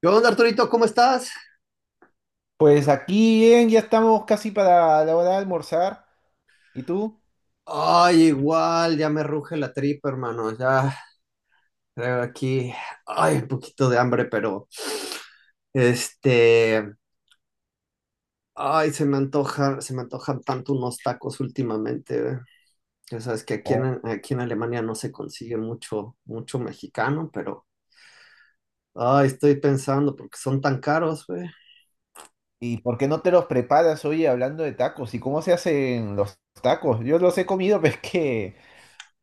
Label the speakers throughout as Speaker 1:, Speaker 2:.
Speaker 1: ¿Qué onda, Arturito? ¿Cómo estás?
Speaker 2: Pues aquí bien, ya estamos casi para la hora de almorzar. ¿Y tú?
Speaker 1: Ay, igual, ya me ruge la tripa, hermano. Ya traigo aquí, ay, un poquito de hambre, pero este, ay, se me antojan tanto unos tacos últimamente. Ya sabes que
Speaker 2: Oh.
Speaker 1: aquí en Alemania no se consigue mucho, mucho mexicano, pero ay, estoy pensando porque son tan caros, güey.
Speaker 2: ¿Y por qué no te los preparas hoy hablando de tacos? ¿Y cómo se hacen los tacos? Yo los he comido, pero es que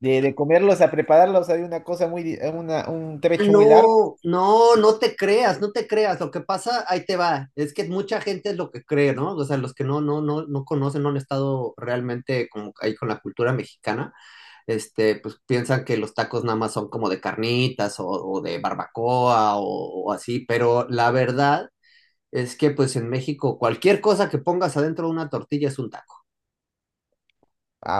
Speaker 2: de comerlos a prepararlos hay una cosa muy, un
Speaker 1: Ah,
Speaker 2: trecho muy largo.
Speaker 1: no, no, no te creas, no te creas. Lo que pasa, ahí te va, es que mucha gente es lo que cree, ¿no? O sea, los que no conocen, no han estado realmente como ahí con la cultura mexicana, pues piensan que los tacos nada más son como de carnitas o de barbacoa o así, pero la verdad es que pues en México cualquier cosa que pongas adentro de una tortilla es un taco.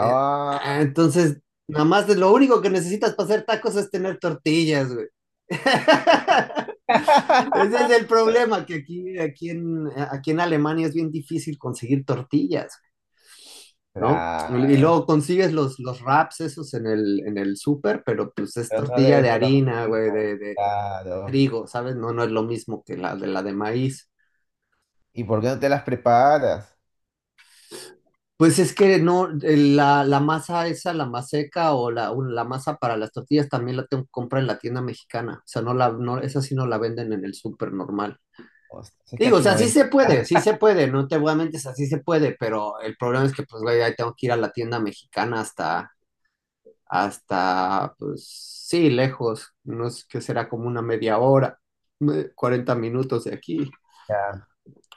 Speaker 1: Eh, ah, entonces, nada más de lo único que necesitas para hacer tacos es tener tortillas, güey. Ese es el problema, que aquí en Alemania es bien difícil conseguir tortillas, ¿no? Y
Speaker 2: claro.
Speaker 1: luego consigues los wraps esos en en el súper, pero pues es
Speaker 2: Pero no
Speaker 1: tortilla
Speaker 2: debe
Speaker 1: de
Speaker 2: ser lo
Speaker 1: harina, güey,
Speaker 2: mismo.
Speaker 1: de
Speaker 2: Claro.
Speaker 1: trigo, ¿sabes? No, no es lo mismo que la de maíz.
Speaker 2: ¿Y por qué no te las preparas?
Speaker 1: Pues es que no, la masa esa, la maseca o o la masa para las tortillas también la tengo que comprar en la tienda mexicana. O sea, no la, no, esa sí no la venden en el súper normal.
Speaker 2: O sea, es que
Speaker 1: Digo, o
Speaker 2: aquí no
Speaker 1: sea,
Speaker 2: ven.
Speaker 1: sí se puede, no te voy a mentir, o sea, sí se puede, pero el problema es que pues güey, ahí tengo que ir a la tienda mexicana hasta, pues sí, lejos, no sé qué será como una media hora, 40 minutos de aquí.
Speaker 2: Ya.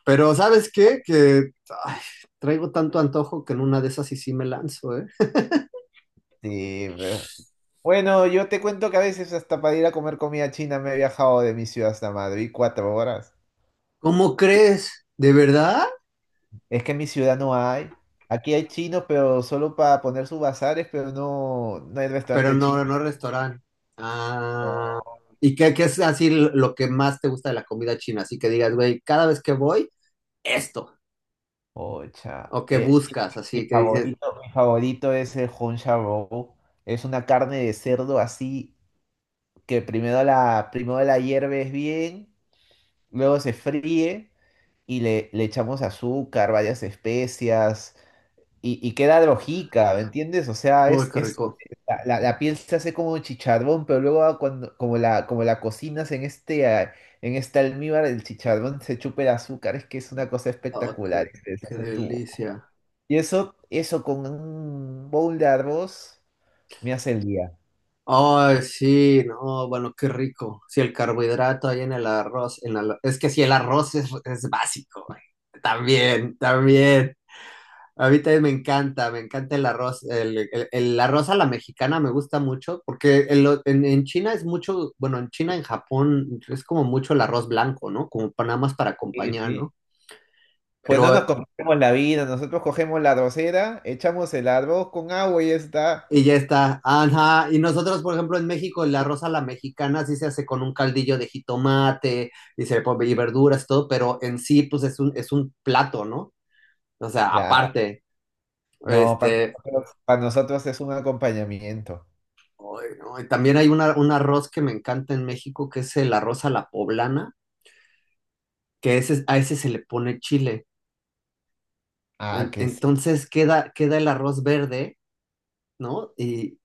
Speaker 1: Pero ¿sabes qué? Que ay, traigo tanto antojo que en una de esas sí, sí me lanzo, ¿eh?
Speaker 2: Sí. Bueno, yo te cuento que a veces hasta para ir a comer comida china me he viajado de mi ciudad hasta Madrid 4 horas.
Speaker 1: ¿Cómo crees? ¿De verdad?
Speaker 2: Es que en mi ciudad no hay. Aquí hay chinos, pero solo para poner sus bazares, pero no, no hay
Speaker 1: Pero
Speaker 2: restaurante chino.
Speaker 1: no, no restaurante. Ah, ¿y qué, qué es así lo que más te gusta de la comida china? Así que digas, güey, cada vez que voy, esto.
Speaker 2: Ocha.
Speaker 1: O que buscas, así que dices,
Speaker 2: Mi favorito es el Hong Roll. Es una carne de cerdo así que primero la hierves bien, luego se fríe y le echamos azúcar, varias especias. Y, y queda drojica, ¿me entiendes? O sea,
Speaker 1: uy, qué
Speaker 2: es
Speaker 1: rico.
Speaker 2: la piel se hace como chicharrón, pero luego ah, cuando, como la cocinas en en este almíbar, el chicharrón se chupa el azúcar, es que es una cosa
Speaker 1: Oh, qué,
Speaker 2: espectacular, y se
Speaker 1: qué
Speaker 2: deshace en tu boca.
Speaker 1: delicia.
Speaker 2: Y eso con un bowl de arroz me hace el día.
Speaker 1: Ay, sí, no, bueno, qué rico. Si el carbohidrato ahí en el arroz, en la- es que si el arroz es básico, güey. También, también. A mí también me encanta el arroz, el arroz a la mexicana me gusta mucho, porque en China es mucho, bueno, en China, en Japón, es como mucho el arroz blanco, ¿no? Como pa- nada más para
Speaker 2: Sí,
Speaker 1: acompañar,
Speaker 2: sí.
Speaker 1: ¿no?
Speaker 2: Pues no
Speaker 1: Pero,
Speaker 2: nos comemos la vida, nosotros cogemos la arrocera, echamos el arroz con agua y ya está.
Speaker 1: y ya está, ajá, y nosotros, por ejemplo, en México, el arroz a la mexicana sí se hace con un caldillo de jitomate y, se, le pone- y verduras, todo, pero en sí, pues es un plato, ¿no? O sea,
Speaker 2: Claro,
Speaker 1: aparte.
Speaker 2: no,
Speaker 1: Este,
Speaker 2: para nosotros es un acompañamiento.
Speaker 1: Ay, no, y también hay una- un arroz que me encanta en México, que es el arroz a la poblana, que ese, a ese se le pone chile.
Speaker 2: Ah,
Speaker 1: En-
Speaker 2: que sí.
Speaker 1: entonces queda, queda el arroz verde, ¿no? Y,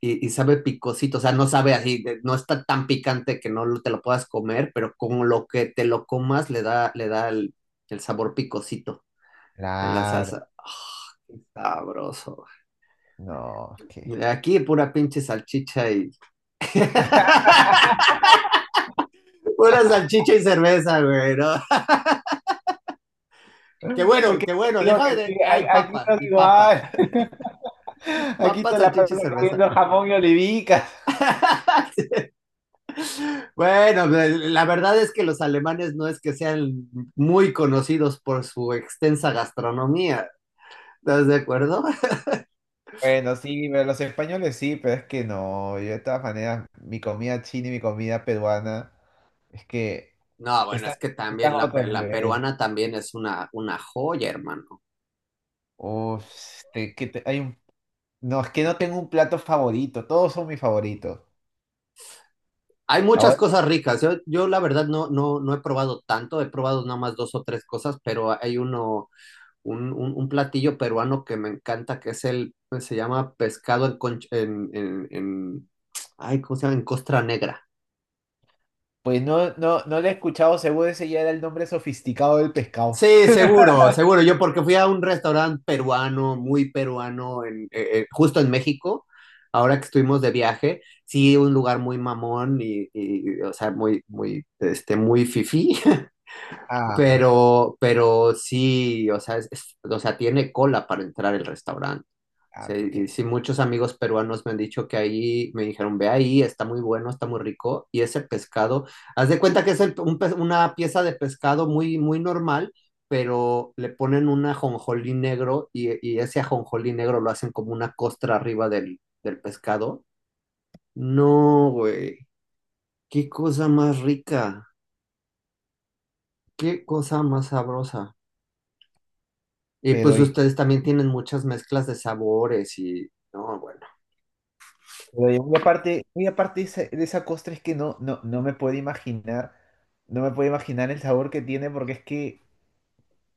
Speaker 1: y sabe picosito, o sea, no sabe así, de- no está tan picante que no lo- te lo puedas comer, pero como lo que te lo comas le da el sabor picosito en la
Speaker 2: Claro,
Speaker 1: salsa. ¡Ah, qué sabroso!
Speaker 2: no, es que.
Speaker 1: Aquí pura pinche salchicha y... Pura salchicha y cerveza, güey, ¿no?
Speaker 2: Porque
Speaker 1: Qué
Speaker 2: te
Speaker 1: bueno,
Speaker 2: digo que
Speaker 1: déjame de...
Speaker 2: aquí,
Speaker 1: Ay,
Speaker 2: aquí
Speaker 1: papa,
Speaker 2: no es
Speaker 1: y papa,
Speaker 2: igual. Aquí
Speaker 1: papa,
Speaker 2: se la
Speaker 1: salchicha y
Speaker 2: pasa
Speaker 1: cerveza.
Speaker 2: comiendo jamón y olivicas.
Speaker 1: Sí. Bueno, la verdad es que los alemanes no es que sean muy conocidos por su extensa gastronomía, ¿estás de acuerdo?
Speaker 2: Bueno, sí, pero los españoles sí, pero es que no, yo de todas maneras, mi comida china y mi comida peruana, es que
Speaker 1: No, bueno,
Speaker 2: están,
Speaker 1: es que
Speaker 2: están
Speaker 1: también
Speaker 2: a
Speaker 1: la,
Speaker 2: otro
Speaker 1: pe- la
Speaker 2: nivel.
Speaker 1: peruana también es una joya, hermano.
Speaker 2: Uf, hay un, no, es que no tengo un plato favorito, todos son mis favoritos.
Speaker 1: Hay muchas
Speaker 2: Ahora,
Speaker 1: cosas ricas. Yo la verdad no, no, no he probado tanto, he probado nada más dos o tres cosas, pero hay uno, un, un platillo peruano que me encanta, que es el, se llama pescado en, conch- en- ay, ¿cómo se llama? En costra negra.
Speaker 2: pues no, no, no le he escuchado, seguro ese ya era el nombre sofisticado del pescado.
Speaker 1: Sí, seguro, seguro. Yo porque fui a un restaurante peruano, muy peruano, justo en México, ahora que estuvimos de viaje, sí, un lugar muy mamón y, o sea, muy, muy, muy fifí,
Speaker 2: Ah,
Speaker 1: pero sí, o sea, o sea, tiene cola para entrar el restaurante. Sí,
Speaker 2: ah, pues
Speaker 1: y
Speaker 2: que,
Speaker 1: sí, muchos amigos peruanos me han dicho que ahí, me dijeron, ve ahí, está muy bueno, está muy rico. Y ese pescado, haz de cuenta que es el- un pez- una pieza de pescado muy, muy normal, pero le ponen un ajonjolí negro y ese ajonjolí negro lo hacen como una costra arriba del pescado. No, güey, qué cosa más rica, qué cosa más sabrosa. Y
Speaker 2: pero.
Speaker 1: pues ustedes también tienen muchas mezclas de sabores y, no, bueno.
Speaker 2: Pero y muy aparte de esa costra es que no, no, no me puedo imaginar, no me puedo imaginar el sabor que tiene porque es que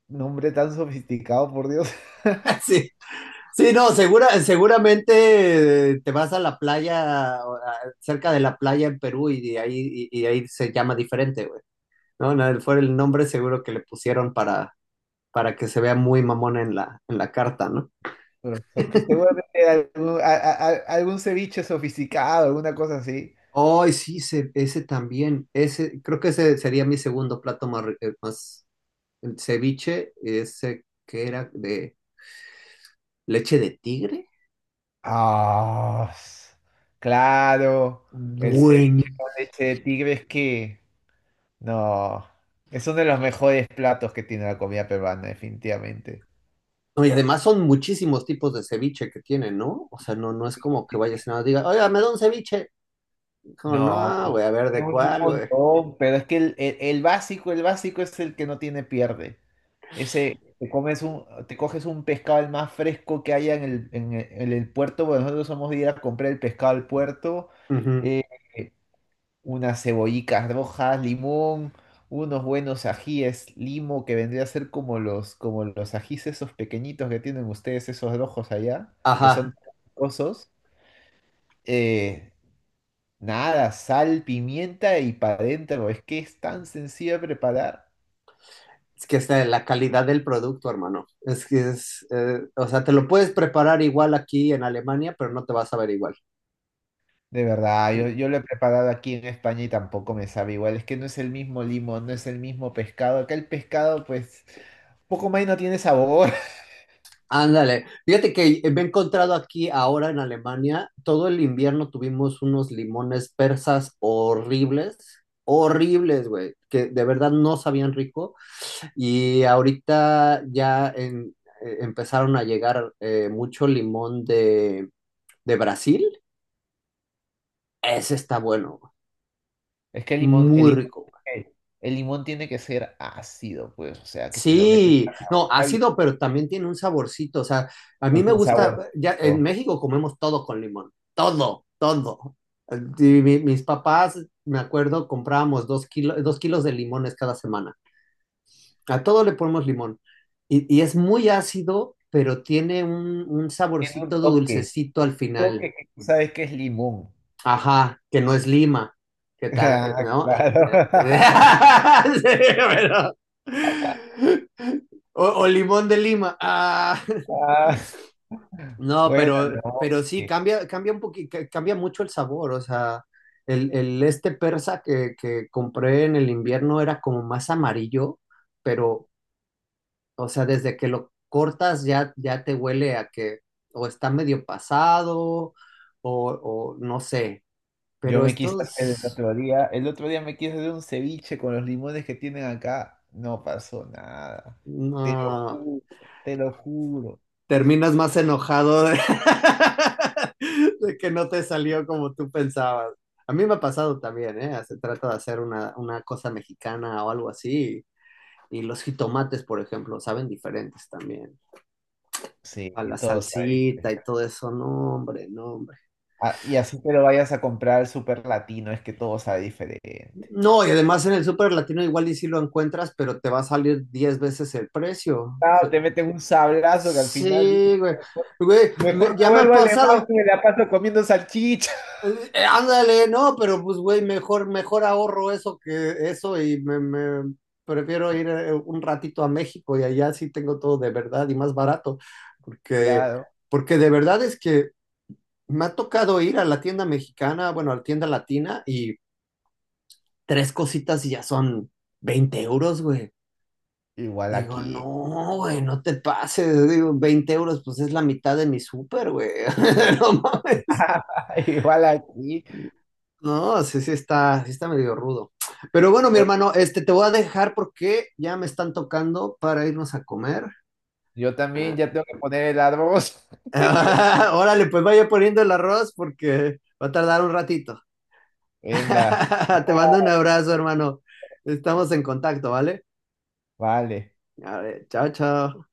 Speaker 2: un hombre tan sofisticado, por Dios.
Speaker 1: Sí, sí, no, segura, seguramente te vas a la playa, o a- cerca de la playa en Perú y de ahí, y ahí se llama diferente, güey. No, no, fue el nombre seguro que le pusieron para que se vea muy mamón en la carta, ¿no?
Speaker 2: Pero, o sea, que seguramente algún, algún ceviche sofisticado, alguna cosa así.
Speaker 1: Ay, sí, se- ese también, ese, creo que ese sería mi segundo plato más, más el ceviche, ese que era de leche de tigre.
Speaker 2: Ah, s- claro, el ceviche con leche de tigre es que no, es uno de los mejores platos que tiene la comida peruana, definitivamente.
Speaker 1: No, y además son muchísimos tipos de ceviche que tienen, ¿no? O sea, no, no es como que vayas y nada más diga, oiga, me da un ceviche. Como,
Speaker 2: No.
Speaker 1: no, güey, a ver
Speaker 2: Es
Speaker 1: de
Speaker 2: un
Speaker 1: cuál, güey.
Speaker 2: montón, pero es que el básico es el que no tiene pierde. Ese, te coges un pescado el más fresco que haya en en el puerto, bueno, nosotros somos de ir a comprar el pescado al puerto,
Speaker 1: Ujú.
Speaker 2: eh, unas cebollicas rojas, limón, unos buenos ajíes, limo, que vendría a ser como los ajíes esos pequeñitos que tienen ustedes, esos rojos allá, que son
Speaker 1: Ajá,
Speaker 2: picosos. Nada, sal, pimienta y para adentro. Es que es tan sencillo de preparar.
Speaker 1: es que está la calidad del producto, hermano. Es que es, o sea, te lo puedes preparar igual aquí en Alemania, pero no te vas a ver igual.
Speaker 2: De verdad, yo lo he preparado aquí en España y tampoco me sabe igual. Es que no es el mismo limón, no es el mismo pescado. Acá el pescado, pues, poco más y no tiene sabor.
Speaker 1: Ándale, fíjate que me he encontrado aquí ahora en Alemania, todo el invierno tuvimos unos limones persas horribles, horribles, güey, que de verdad no sabían rico. Y ahorita ya empezaron a llegar mucho limón de Brasil. Ese está bueno, güey.
Speaker 2: Es que el limón,
Speaker 1: Muy rico, güey.
Speaker 2: el, el limón tiene que ser ácido, pues, o sea, que te lo metes a
Speaker 1: Sí,
Speaker 2: la
Speaker 1: no,
Speaker 2: boca y
Speaker 1: ácido, pero también tiene un saborcito. O sea, a mí
Speaker 2: con
Speaker 1: me
Speaker 2: su
Speaker 1: gusta, ya en
Speaker 2: saborcito.
Speaker 1: México comemos todo con limón, todo, todo. Y mi- mis papás, me acuerdo, comprábamos 2 kilos, 2 kilos de limones cada semana. A todo le ponemos limón. Y es muy ácido, pero tiene un
Speaker 2: Tiene un
Speaker 1: saborcito
Speaker 2: toque,
Speaker 1: dulcecito al final.
Speaker 2: toque que tú sabes que es limón.
Speaker 1: Ajá, que no es lima, que
Speaker 2: Ah,
Speaker 1: ¿no? Eh,
Speaker 2: claro.
Speaker 1: eh, Sí, pero- o limón de Lima. Ah,
Speaker 2: Ah,
Speaker 1: no,
Speaker 2: bueno, no.
Speaker 1: pero sí,
Speaker 2: Ok.
Speaker 1: cambia, cambia un poquito, cambia mucho el sabor. O sea, el este persa que compré en el invierno era como más amarillo, pero, o sea, desde que lo cortas ya, ya te huele a que o está medio pasado o no sé,
Speaker 2: Yo
Speaker 1: pero
Speaker 2: me quise hacer
Speaker 1: estos
Speaker 2: el otro día me quise hacer un ceviche con los limones que tienen acá, no pasó nada. Te lo
Speaker 1: no,
Speaker 2: juro, te lo juro.
Speaker 1: terminas más enojado de, de que no te salió como tú pensabas. A mí me ha pasado también, ¿eh? Se trata de hacer una cosa mexicana o algo así. Y los jitomates, por ejemplo, saben diferentes también.
Speaker 2: Sí,
Speaker 1: A la
Speaker 2: todo sabe
Speaker 1: salsita
Speaker 2: diferente.
Speaker 1: y todo eso, no, hombre, no.
Speaker 2: Ah, y así te lo vayas a comprar al super latino, es que todo sabe diferente.
Speaker 1: No, y además en el super latino igual y sí lo encuentras, pero te va a salir 10 veces el precio. O
Speaker 2: Claro,
Speaker 1: sea,
Speaker 2: te meten un sablazo que al final
Speaker 1: sí,
Speaker 2: dices,
Speaker 1: güey.
Speaker 2: mejor,
Speaker 1: Güey,
Speaker 2: mejor
Speaker 1: me-
Speaker 2: me
Speaker 1: ya me ha
Speaker 2: vuelvo alemán
Speaker 1: pasado.
Speaker 2: y me la paso comiendo salchicha.
Speaker 1: Ándale, no, pero pues, güey, mejor, mejor ahorro eso que eso y prefiero ir un ratito a México y allá sí tengo todo de verdad y más barato. Porque,
Speaker 2: Claro,
Speaker 1: porque de verdad es que me ha tocado ir a la tienda mexicana, bueno, a la tienda latina y tres cositas y ya son 20 euros, güey.
Speaker 2: igual
Speaker 1: Digo,
Speaker 2: aquí.
Speaker 1: no, güey, no te pases. Digo, 20 euros, pues es la mitad de mi súper, güey. No mames.
Speaker 2: Igual aquí.
Speaker 1: No, sí, sí está medio rudo. Pero bueno, mi
Speaker 2: Bueno,
Speaker 1: hermano, te voy a dejar porque ya me están tocando para irnos a comer.
Speaker 2: yo también ya tengo que poner el arroz.
Speaker 1: Ah, órale, pues vaya poniendo el arroz porque va a tardar un ratito.
Speaker 2: Venga.
Speaker 1: Te mando un abrazo, hermano. Estamos en contacto, ¿vale?
Speaker 2: Vale.
Speaker 1: Vale, chao, chao.